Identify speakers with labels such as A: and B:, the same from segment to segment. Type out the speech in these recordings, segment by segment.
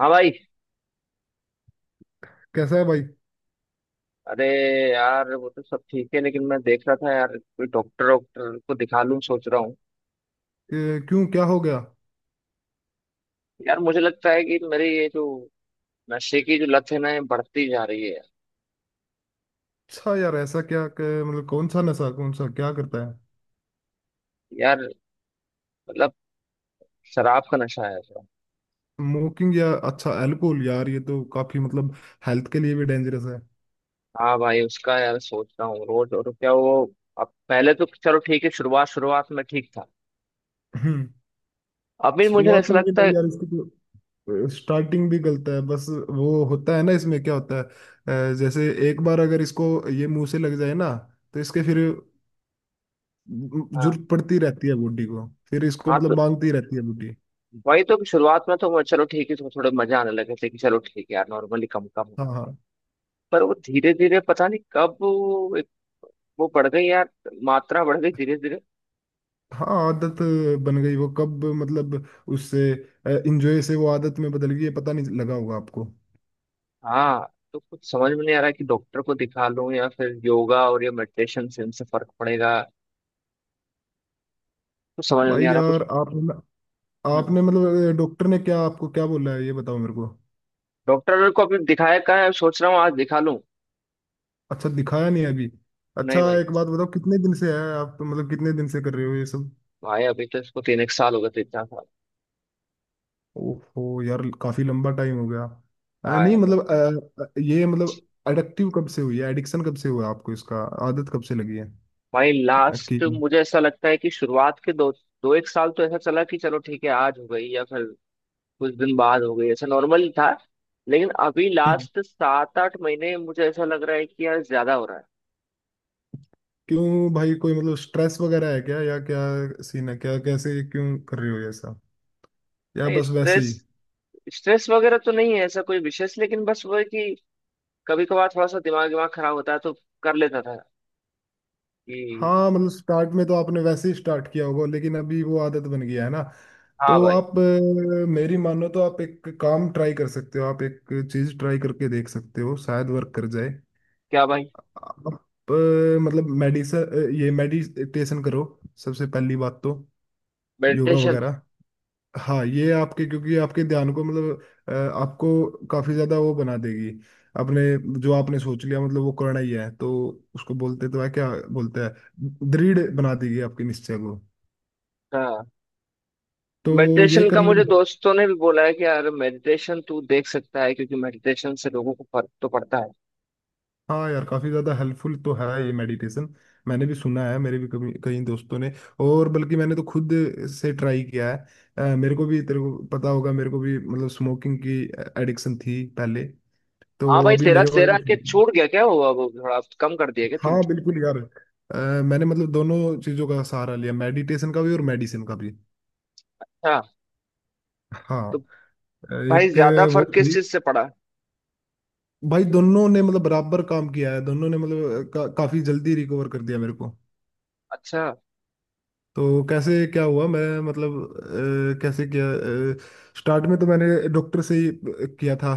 A: हाँ भाई।
B: कैसा है भाई।
A: अरे यार वो तो सब ठीक है लेकिन मैं देख रहा था यार, कोई डॉक्टर डॉक्टर को दिखा लूं सोच रहा हूँ।
B: क्यों क्या हो गया?
A: यार मुझे लगता है कि मेरी ये जो नशे की जो लत है ना, ये बढ़ती जा रही है।
B: अच्छा यार ऐसा क्या मतलब कौन सा नशा, कौन सा क्या करता है?
A: यार मतलब शराब का नशा है ऐसा।
B: स्मोकिंग या अच्छा अल्कोहल। यार ये तो काफी मतलब हेल्थ के लिए भी डेंजरस है।
A: हाँ भाई उसका यार सोच रहा हूँ रोज और क्या वो। अब पहले तो चलो ठीक है, शुरुआत शुरुआत में ठीक था।
B: हम्म।
A: अभी मुझे
B: शुरुआत
A: ऐसा
B: में भी
A: लगता है।
B: नहीं यार इसकी, तो स्टार्टिंग भी गलत है बस। वो होता है ना, इसमें क्या होता है जैसे एक बार अगर इसको ये मुंह से लग जाए ना, तो इसके फिर
A: हाँ।
B: जरूरत पड़ती रहती है बॉडी को, फिर इसको
A: हाँ
B: मतलब
A: तो
B: मांगती रहती है बॉडी।
A: वही तो कि शुरुआत में तो वो चलो ठीक है, तो थोड़े मजा आने लगे थे कि चलो ठीक है यार, नॉर्मली कम कम
B: हाँ
A: होगा।
B: हाँ।
A: पर वो धीरे धीरे पता नहीं कब वो बढ़ गई यार। मात्रा बढ़ गई धीरे धीरे।
B: हाँ आदत बन गई वो कब मतलब, उससे इंजॉय से वो आदत में बदल गई, ये पता नहीं लगा होगा आपको।
A: हाँ तो कुछ समझ में नहीं आ रहा है कि डॉक्टर को दिखा लूं या फिर योगा और ये मेडिटेशन से इनसे फर्क पड़ेगा। कुछ समझ में
B: भाई
A: नहीं आ रहा कुछ।
B: यार आपने
A: हम्म।
B: आपने मतलब डॉक्टर ने क्या आपको क्या बोला है, ये बताओ मेरे को।
A: डॉक्टर को अभी दिखाया कहाँ है, सोच रहा हूँ आज दिखा लूं।
B: अच्छा दिखाया नहीं अभी। अच्छा
A: नहीं भाई।
B: एक बात बताओ, कितने दिन से है आप मतलब कितने दिन से कर रहे हो ये सब?
A: भाई अभी तो इसको तीन एक साल हो गए, तीन चार साल।
B: ओहो यार काफी लंबा टाइम हो गया।
A: हाँ
B: नहीं
A: यार भाई।
B: मतलब ये मतलब एडिक्टिव कब से हुई है, एडिक्शन कब से हुआ आपको इसका, आदत कब से लगी है?
A: भाई
B: अ, कि
A: लास्ट मुझे ऐसा लगता है कि शुरुआत के दो दो एक साल तो ऐसा चला कि चलो ठीक है आज हो गई या फिर कुछ दिन बाद हो गई, ऐसा नॉर्मल था। लेकिन अभी लास्ट सात आठ महीने मुझे ऐसा लग रहा है कि यार ज्यादा हो रहा है।
B: क्यों भाई कोई मतलब स्ट्रेस वगैरह है क्या, या क्या सीन है, क्या कैसे क्यों कर रही हो ये सब, या
A: नहीं
B: बस वैसे
A: स्ट्रेस,
B: ही?
A: स्ट्रेस वगैरह तो नहीं है ऐसा कोई विशेष, लेकिन बस वो है कि कभी कभार थोड़ा सा दिमाग दिमाग खराब होता है तो कर लेता था कि।
B: हाँ मतलब स्टार्ट में तो आपने वैसे ही स्टार्ट किया होगा, लेकिन अभी वो आदत बन गया है ना।
A: हाँ
B: तो
A: भाई।
B: आप मेरी मानो तो आप एक काम ट्राई कर सकते हो, आप एक चीज ट्राई करके देख सकते हो, शायद वर्क कर जाए।
A: क्या भाई।
B: आप मतलब मेडिसन ये मेडिटेशन करो, सबसे पहली बात तो योगा
A: मेडिटेशन।
B: वगैरह। हाँ ये आपके, क्योंकि आपके ध्यान को मतलब आपको काफी ज्यादा वो बना देगी। आपने जो आपने सोच लिया मतलब वो करना ही है, तो उसको बोलते तो है क्या बोलते हैं, दृढ़ बना देगी आपके निश्चय को।
A: हाँ
B: तो ये
A: मेडिटेशन
B: कर
A: का मुझे
B: लूँ।
A: दोस्तों ने भी बोला है कि यार मेडिटेशन तू देख सकता है, क्योंकि मेडिटेशन से लोगों को फर्क तो पड़ता है।
B: हाँ यार काफी ज्यादा हेल्पफुल तो है ये मेडिटेशन। मैंने भी सुना है, मेरे भी कभी कई दोस्तों ने, और बल्कि मैंने तो खुद से ट्राई किया है। मेरे को भी, तेरे को पता होगा, मेरे को भी मतलब स्मोकिंग की एडिक्शन थी पहले, तो
A: हाँ भाई
B: अभी
A: तेरा
B: मेरे पास।
A: तेरा के छूट गया क्या हुआ, वो थोड़ा कम कर दिया क्या तूने।
B: हाँ बिल्कुल यार। मैंने मतलब दोनों चीजों का सहारा लिया, मेडिटेशन का भी और मेडिसिन का भी।
A: हाँ।
B: हाँ।
A: तो
B: अ,
A: भाई
B: एक
A: ज्यादा
B: वो
A: फर्क किस
B: थी।
A: चीज से पड़ा।
B: भाई दोनों ने मतलब बराबर काम किया है, दोनों ने मतलब काफी जल्दी रिकवर कर दिया मेरे को।
A: अच्छा।
B: तो कैसे क्या हुआ मैं मतलब कैसे किया, स्टार्ट में तो मैंने डॉक्टर से ही किया था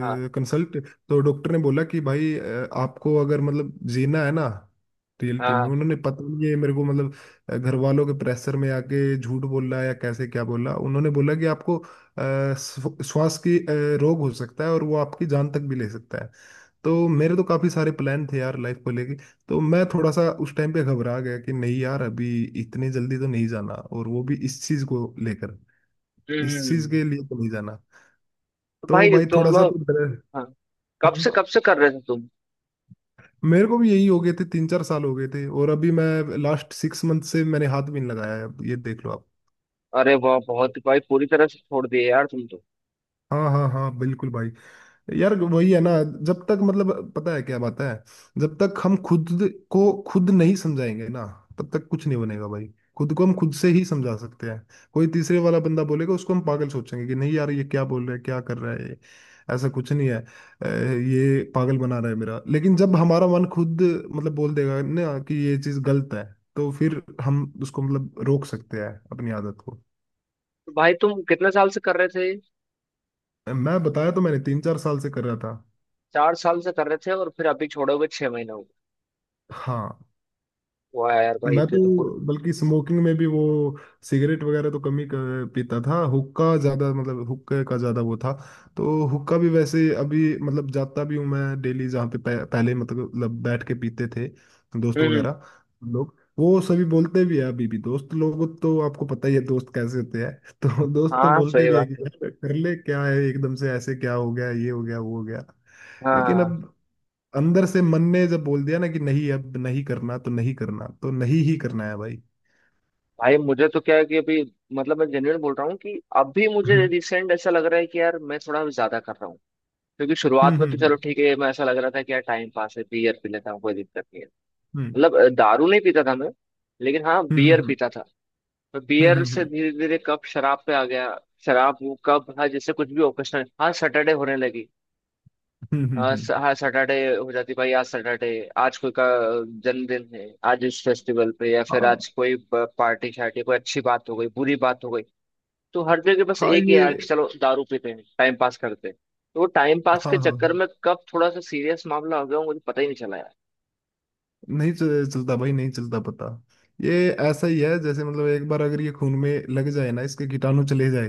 A: हाँ
B: कंसल्ट। तो डॉक्टर ने बोला कि भाई आपको अगर मतलब जीना है ना, रियलिटी में
A: हाँ।
B: उन्होंने पता नहीं है मेरे को मतलब घर वालों के प्रेशर में आके झूठ बोला या कैसे क्या बोला, उन्होंने बोला कि आपको श्वास की रोग हो सकता है और वो आपकी जान तक भी ले सकता है। तो मेरे तो काफी सारे प्लान थे यार लाइफ को, तो मैं थोड़ा सा उस टाइम पे घबरा गया कि नहीं यार अभी इतने जल्दी तो नहीं जाना, और वो भी इस चीज को लेकर, इस चीज
A: हम्म।
B: के लिए तो नहीं जाना।
A: तो
B: तो
A: भाई
B: भाई
A: तुम
B: थोड़ा सा तो
A: लोग,
B: डर।
A: हाँ
B: हम्म।
A: कब से कर रहे थे तुम।
B: मेरे को भी यही, हो गए थे तीन चार साल हो गए थे, और अभी मैं लास्ट सिक्स मंथ से मैंने हाथ भी नहीं लगाया है, अब ये देख लो आप।
A: अरे वाह बहुत भाई, पूरी तरह से छोड़ दिए यार तुम तो।
B: हाँ हाँ हाँ बिल्कुल भाई। यार वही है ना, जब तक मतलब पता है क्या बात है, जब तक हम खुद को खुद नहीं समझाएंगे ना, तब तक कुछ नहीं बनेगा भाई। खुद को हम खुद से ही समझा सकते हैं। कोई तीसरे वाला बंदा बोलेगा उसको हम पागल सोचेंगे कि नहीं यार ये क्या बोल रहा है, क्या कर रहा है ये, ऐसा कुछ नहीं है ये पागल बना रहा है मेरा। लेकिन जब हमारा मन खुद मतलब बोल देगा ना कि ये चीज़ गलत है, तो फिर हम उसको मतलब रोक सकते हैं अपनी आदत को।
A: तो भाई तुम कितने साल से कर रहे थे।
B: मैं बताया तो, मैंने तीन चार साल से कर रहा था।
A: चार साल से कर रहे थे और फिर अभी छोड़े हुए छह महीने हो गए।
B: हाँ।
A: वाह यार भाई
B: मैं
A: ये
B: तो
A: तो पूरी।
B: बल्कि स्मोकिंग में भी वो, सिगरेट वगैरह तो कम ही पीता था, हुक्का ज्यादा मतलब हुक्के का ज्यादा वो था। तो हुक्का भी वैसे अभी मतलब जाता भी हूँ मैं डेली, जहाँ पे पहले मतलब बैठ के पीते थे दोस्त
A: हम्म हम्म,
B: वगैरह लोग, वो सभी बोलते भी है अभी भी। दोस्त लोग तो आपको पता ही है दोस्त कैसे होते हैं। तो दोस्त तो
A: हाँ।
B: बोलते
A: सही
B: भी है
A: बात
B: कि
A: है।
B: यार कर ले, क्या है, एकदम से ऐसे क्या हो गया, ये हो गया वो हो गया। लेकिन
A: हाँ
B: अब अंदर से मन ने जब बोल दिया ना कि नहीं अब नहीं करना, तो नहीं करना, तो नहीं ही करना है भाई।
A: भाई मुझे तो क्या है कि अभी मतलब मैं जेन्युइन बोल रहा हूँ कि अभी मुझे
B: हम्म।
A: रिसेंट ऐसा लग रहा है कि यार मैं थोड़ा ज्यादा कर रहा हूँ, क्योंकि शुरुआत में तो
B: हम्म
A: चलो ठीक है, मैं ऐसा लग रहा था कि यार टाइम पास है बियर पी लेता हूँ कोई दिक्कत नहीं है।
B: हम्म
A: मतलब दारू नहीं पीता था मैं, लेकिन हाँ
B: हम्म हम्म
A: बियर
B: हम्म
A: पीता था।
B: हम्म
A: बियर
B: हम्म हम्म
A: से
B: हम्म,
A: धीरे धीरे कब शराब पे आ गया। शराब वो कब, हाँ जैसे कुछ भी ओकेशनल, हाँ सैटरडे होने लगी।
B: हम्म।
A: हाँ सैटरडे हो जाती भाई, आज सैटरडे, आज कोई का जन्मदिन है, आज इस फेस्टिवल पे, या फिर
B: हाँ
A: आज कोई पार्टी शार्टी, कोई अच्छी बात हो गई बुरी बात हो गई। तो हर जगह बस
B: हाँ,
A: एक ही
B: ये।
A: यार, कि चलो दारू पीते हैं टाइम पास करते हैं। तो वो टाइम पास
B: हाँ
A: के
B: हाँ
A: चक्कर
B: हाँ।
A: में कब थोड़ा सा सीरियस मामला हो गया, वो मुझे पता ही नहीं चला यार।
B: नहीं चलता भाई, नहीं चलता पता। ये ऐसा ही है जैसे मतलब एक बार अगर ये खून में लग जाए ना, इसके कीटाणु चले जाए,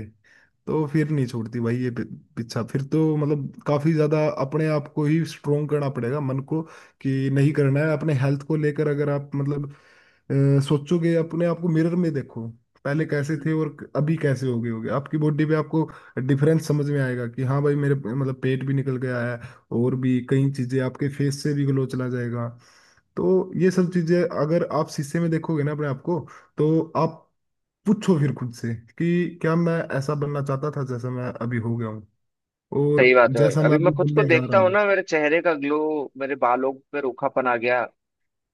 B: तो फिर नहीं छोड़ती भाई ये, पीछा फिर तो मतलब। काफी ज्यादा अपने आप को ही स्ट्रोंग करना पड़ेगा, मन को कि नहीं करना है। अपने हेल्थ को लेकर अगर आप मतलब सोचोगे, अपने आप को मिरर में देखो पहले कैसे
A: हम्म।
B: थे और अभी कैसे हो गए होगे, आपकी बॉडी पे आपको डिफरेंस समझ में आएगा कि हाँ भाई मेरे मतलब पेट भी निकल गया है, और भी कई चीजें, आपके फेस से भी ग्लो चला जाएगा। तो ये सब चीजें अगर आप शीशे में देखोगे ना अपने आप को, तो आप पूछो फिर खुद से कि क्या मैं ऐसा बनना चाहता था जैसा मैं अभी हो गया हूँ,
A: सही
B: और
A: बात है भाई,
B: जैसा मैं
A: अभी मैं
B: अभी
A: खुद को
B: बनने जा रहा
A: देखता हूँ
B: हूँ।
A: ना, मेरे चेहरे का ग्लो, मेरे बालों पे रूखापन आ गया,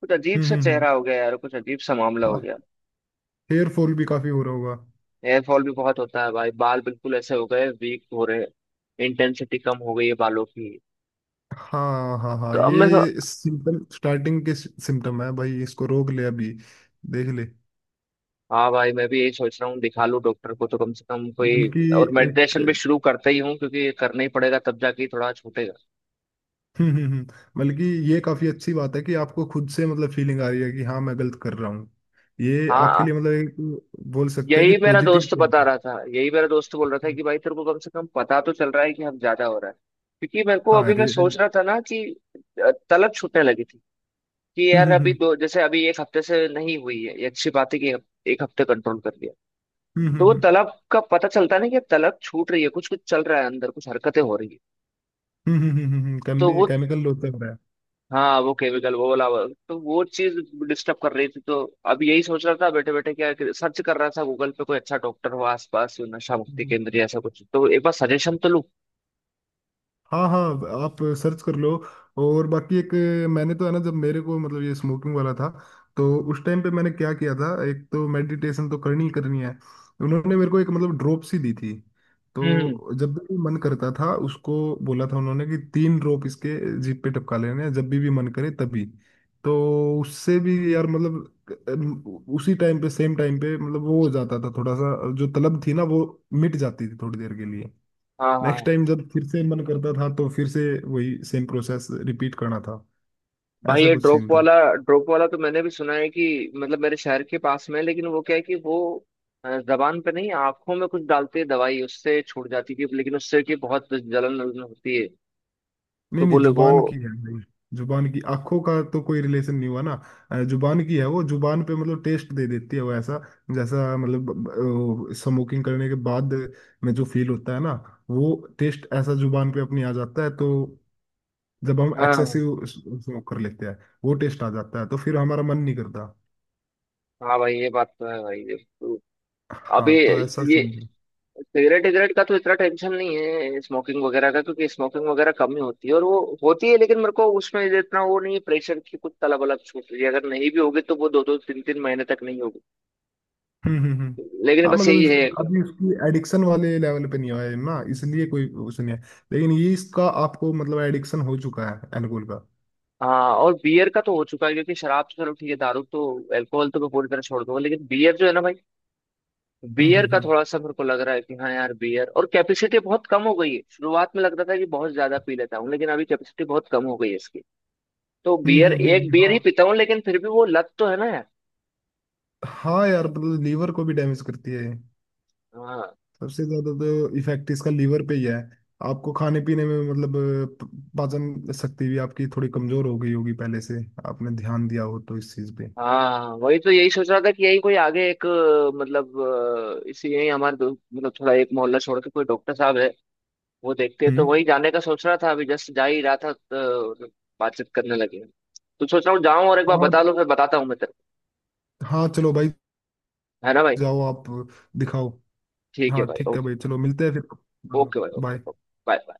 A: कुछ अजीब
B: हम्म।
A: सा चेहरा हो गया यार, कुछ अजीब सा मामला हो
B: हाँ
A: गया।
B: हेयर फॉल भी काफी हो रहा होगा।
A: हेयरफॉल भी बहुत होता है भाई, बाल बिल्कुल ऐसे हो गए, वीक हो रहे। इंटेंसिटी कम हो गई है बालों की।
B: हाँ हाँ
A: तो
B: हाँ
A: अब मैं सो-
B: ये सिम्टम, स्टार्टिंग के सिम्टम है भाई, इसको रोक ले अभी, देख ले।
A: हाँ भाई मैं भी यही सोच रहा हूँ, दिखा लूँ डॉक्टर को तो कम से कम कोई।
B: बल्कि
A: और
B: एक,
A: मेडिटेशन भी शुरू करते ही हूँ, क्योंकि ये करना ही पड़ेगा तब जाके थोड़ा छूटेगा।
B: हम्म हम्म, हम्म। बल्कि ये काफी अच्छी बात है कि आपको खुद से मतलब फीलिंग आ रही है कि हाँ मैं गलत कर रहा हूँ, ये आपके लिए
A: हाँ
B: मतलब एक बोल सकते हैं
A: यही
B: कि
A: मेरा
B: पॉजिटिव।
A: दोस्त बता रहा था, यही मेरा दोस्त बोल रहा था कि भाई तेरे को कम से कम पता तो चल रहा है कि हम ज्यादा हो रहा है। क्योंकि मेरे को
B: हाँ
A: अभी मैं
B: रे-
A: सोच रहा था ना कि तलब छूटने लगी थी, कि यार
B: हम्म
A: अभी
B: हम्म
A: दो, जैसे अभी एक हफ्ते से नहीं हुई है, ये अच्छी बात है कि एक हफ्ते कंट्रोल कर लिया।
B: हम्म हम्म
A: तो वो
B: हम्म हम्म
A: तलब का पता चलता है ना, कि तलब छूट रही है, कुछ कुछ चल रहा है अंदर, कुछ हरकतें हो रही है।
B: हम्म।
A: तो वो,
B: केमिकल लोचर
A: हाँ वो केमिकल तो वो चीज डिस्टर्ब कर रही थी। तो अब यही सोच रहा था बैठे बैठे, क्या सर्च कर रहा था गूगल पे कोई अच्छा डॉक्टर हो आसपास, नशा मुक्ति
B: है।
A: केंद्र या ऐसा कुछ, तो एक बार सजेशन तो लूँ।
B: हाँ हाँ आप सर्च कर लो। और बाकी एक, मैंने तो है ना, जब मेरे को मतलब ये स्मोकिंग वाला था, तो उस टाइम पे मैंने क्या किया था, एक तो मेडिटेशन तो करनी ही करनी है, उन्होंने मेरे को एक मतलब ड्रॉप सी दी थी,
A: हम्म।
B: तो जब भी मन करता था उसको, बोला था उन्होंने कि तीन ड्रॉप इसके जीभ पे टपका लेने हैं, जब भी मन करे तभी। तो उससे भी यार मतलब उसी टाइम पे सेम टाइम पे मतलब वो हो जाता था थोड़ा सा, जो तलब थी ना वो मिट जाती थी थोड़ी देर के लिए।
A: हाँ।
B: नेक्स्ट
A: हाँ
B: टाइम जब फिर से मन करता था, तो फिर से वही सेम प्रोसेस रिपीट करना था।
A: भाई
B: ऐसा
A: ये
B: कुछ सीन था।
A: ड्रॉप वाला तो मैंने भी सुना है कि मतलब मेरे शहर के पास में है, लेकिन वो क्या है कि वो जबान पे नहीं, आंखों में कुछ डालते हैं दवाई, उससे छूट जाती थी, लेकिन उससे कि बहुत जलन वलन होती है। तो
B: नहीं नहीं
A: बोले वो।
B: जुबान की है भाई, जुबान की, आंखों का तो कोई रिलेशन नहीं हुआ ना। जुबान की है, वो जुबान पे मतलब टेस्ट दे देती है वो, ऐसा जैसा मतलब स्मोकिंग करने के बाद में जो फील होता है ना, वो टेस्ट ऐसा जुबान पे अपनी आ जाता है। तो जब हम
A: हाँ।
B: एक्सेसिव स्मोक कर लेते हैं, वो टेस्ट आ जाता है तो फिर हमारा मन नहीं करता।
A: हाँ भाई ये बात तो है भाई। तो अभी
B: हाँ तो ऐसा
A: ये
B: सीन।
A: सिगरेट विगरेट का तो इतना टेंशन नहीं है, स्मोकिंग वगैरह का, क्योंकि स्मोकिंग वगैरह कम ही होती है, और वो होती है लेकिन मेरे को उसमें इतना वो नहीं है प्रेशर की, कुछ तलब वलब छूट रही है, अगर नहीं भी होगी तो वो दो दो तीन तीन महीने तक नहीं होगी।
B: हम्म।
A: लेकिन
B: हाँ
A: बस
B: मतलब
A: यही है।
B: अभी उसकी एडिक्शन वाले लेवल पे नहीं आया है ना, इसलिए कोई उसे नहीं है। लेकिन ये इसका आपको मतलब एडिक्शन हो चुका है एल्कोहल का।
A: हाँ और बियर का तो हो चुका है, क्योंकि शराब तो चलो ठीक है, दारू तो, अल्कोहल तो मैं पूरी तरह छोड़ दूंगा, लेकिन बियर जो है ना भाई,
B: हम्म
A: बियर
B: हम्म
A: का
B: हम्म
A: थोड़ा सा मेरे को लग रहा है कि हाँ यार बियर, और कैपेसिटी बहुत कम हो गई है, शुरुआत में लगता था कि बहुत ज्यादा पी लेता हूँ, लेकिन अभी कैपेसिटी बहुत कम हो गई है इसकी। तो बियर, एक
B: हम्म।
A: बियर
B: हाँ।
A: ही पीता हूँ, लेकिन फिर भी वो लत तो है ना यार।
B: हाँ यार मतलब लीवर को भी डैमेज करती है ये।
A: हाँ
B: सबसे ज्यादा तो इफेक्ट इसका लीवर पे ही है। आपको खाने पीने में मतलब पाचन शक्ति भी आपकी थोड़ी कमजोर हो गई होगी पहले से, आपने ध्यान दिया हो तो इस चीज पे।
A: हाँ वही तो, यही सोच रहा था कि यही कोई आगे एक इसी यही हमारे मतलब थोड़ा एक मोहल्ला छोड़ के कोई डॉक्टर साहब है, वो देखते हैं, तो
B: हम्म।
A: वही जाने का सोच रहा था, अभी जस्ट जा ही रहा था तो बातचीत करने लगे। तो सोच रहा हूँ जाऊँ और एक बार
B: हाँ
A: बता लूँ, फिर बताता हूँ मैं तेरे
B: हाँ चलो भाई,
A: को, है ना भाई।
B: जाओ आप, दिखाओ।
A: ठीक है
B: हाँ
A: भाई।
B: ठीक है भाई
A: ओके।
B: चलो मिलते हैं फिर।
A: ओके भाई। Okay,
B: bye.
A: Okay, bye.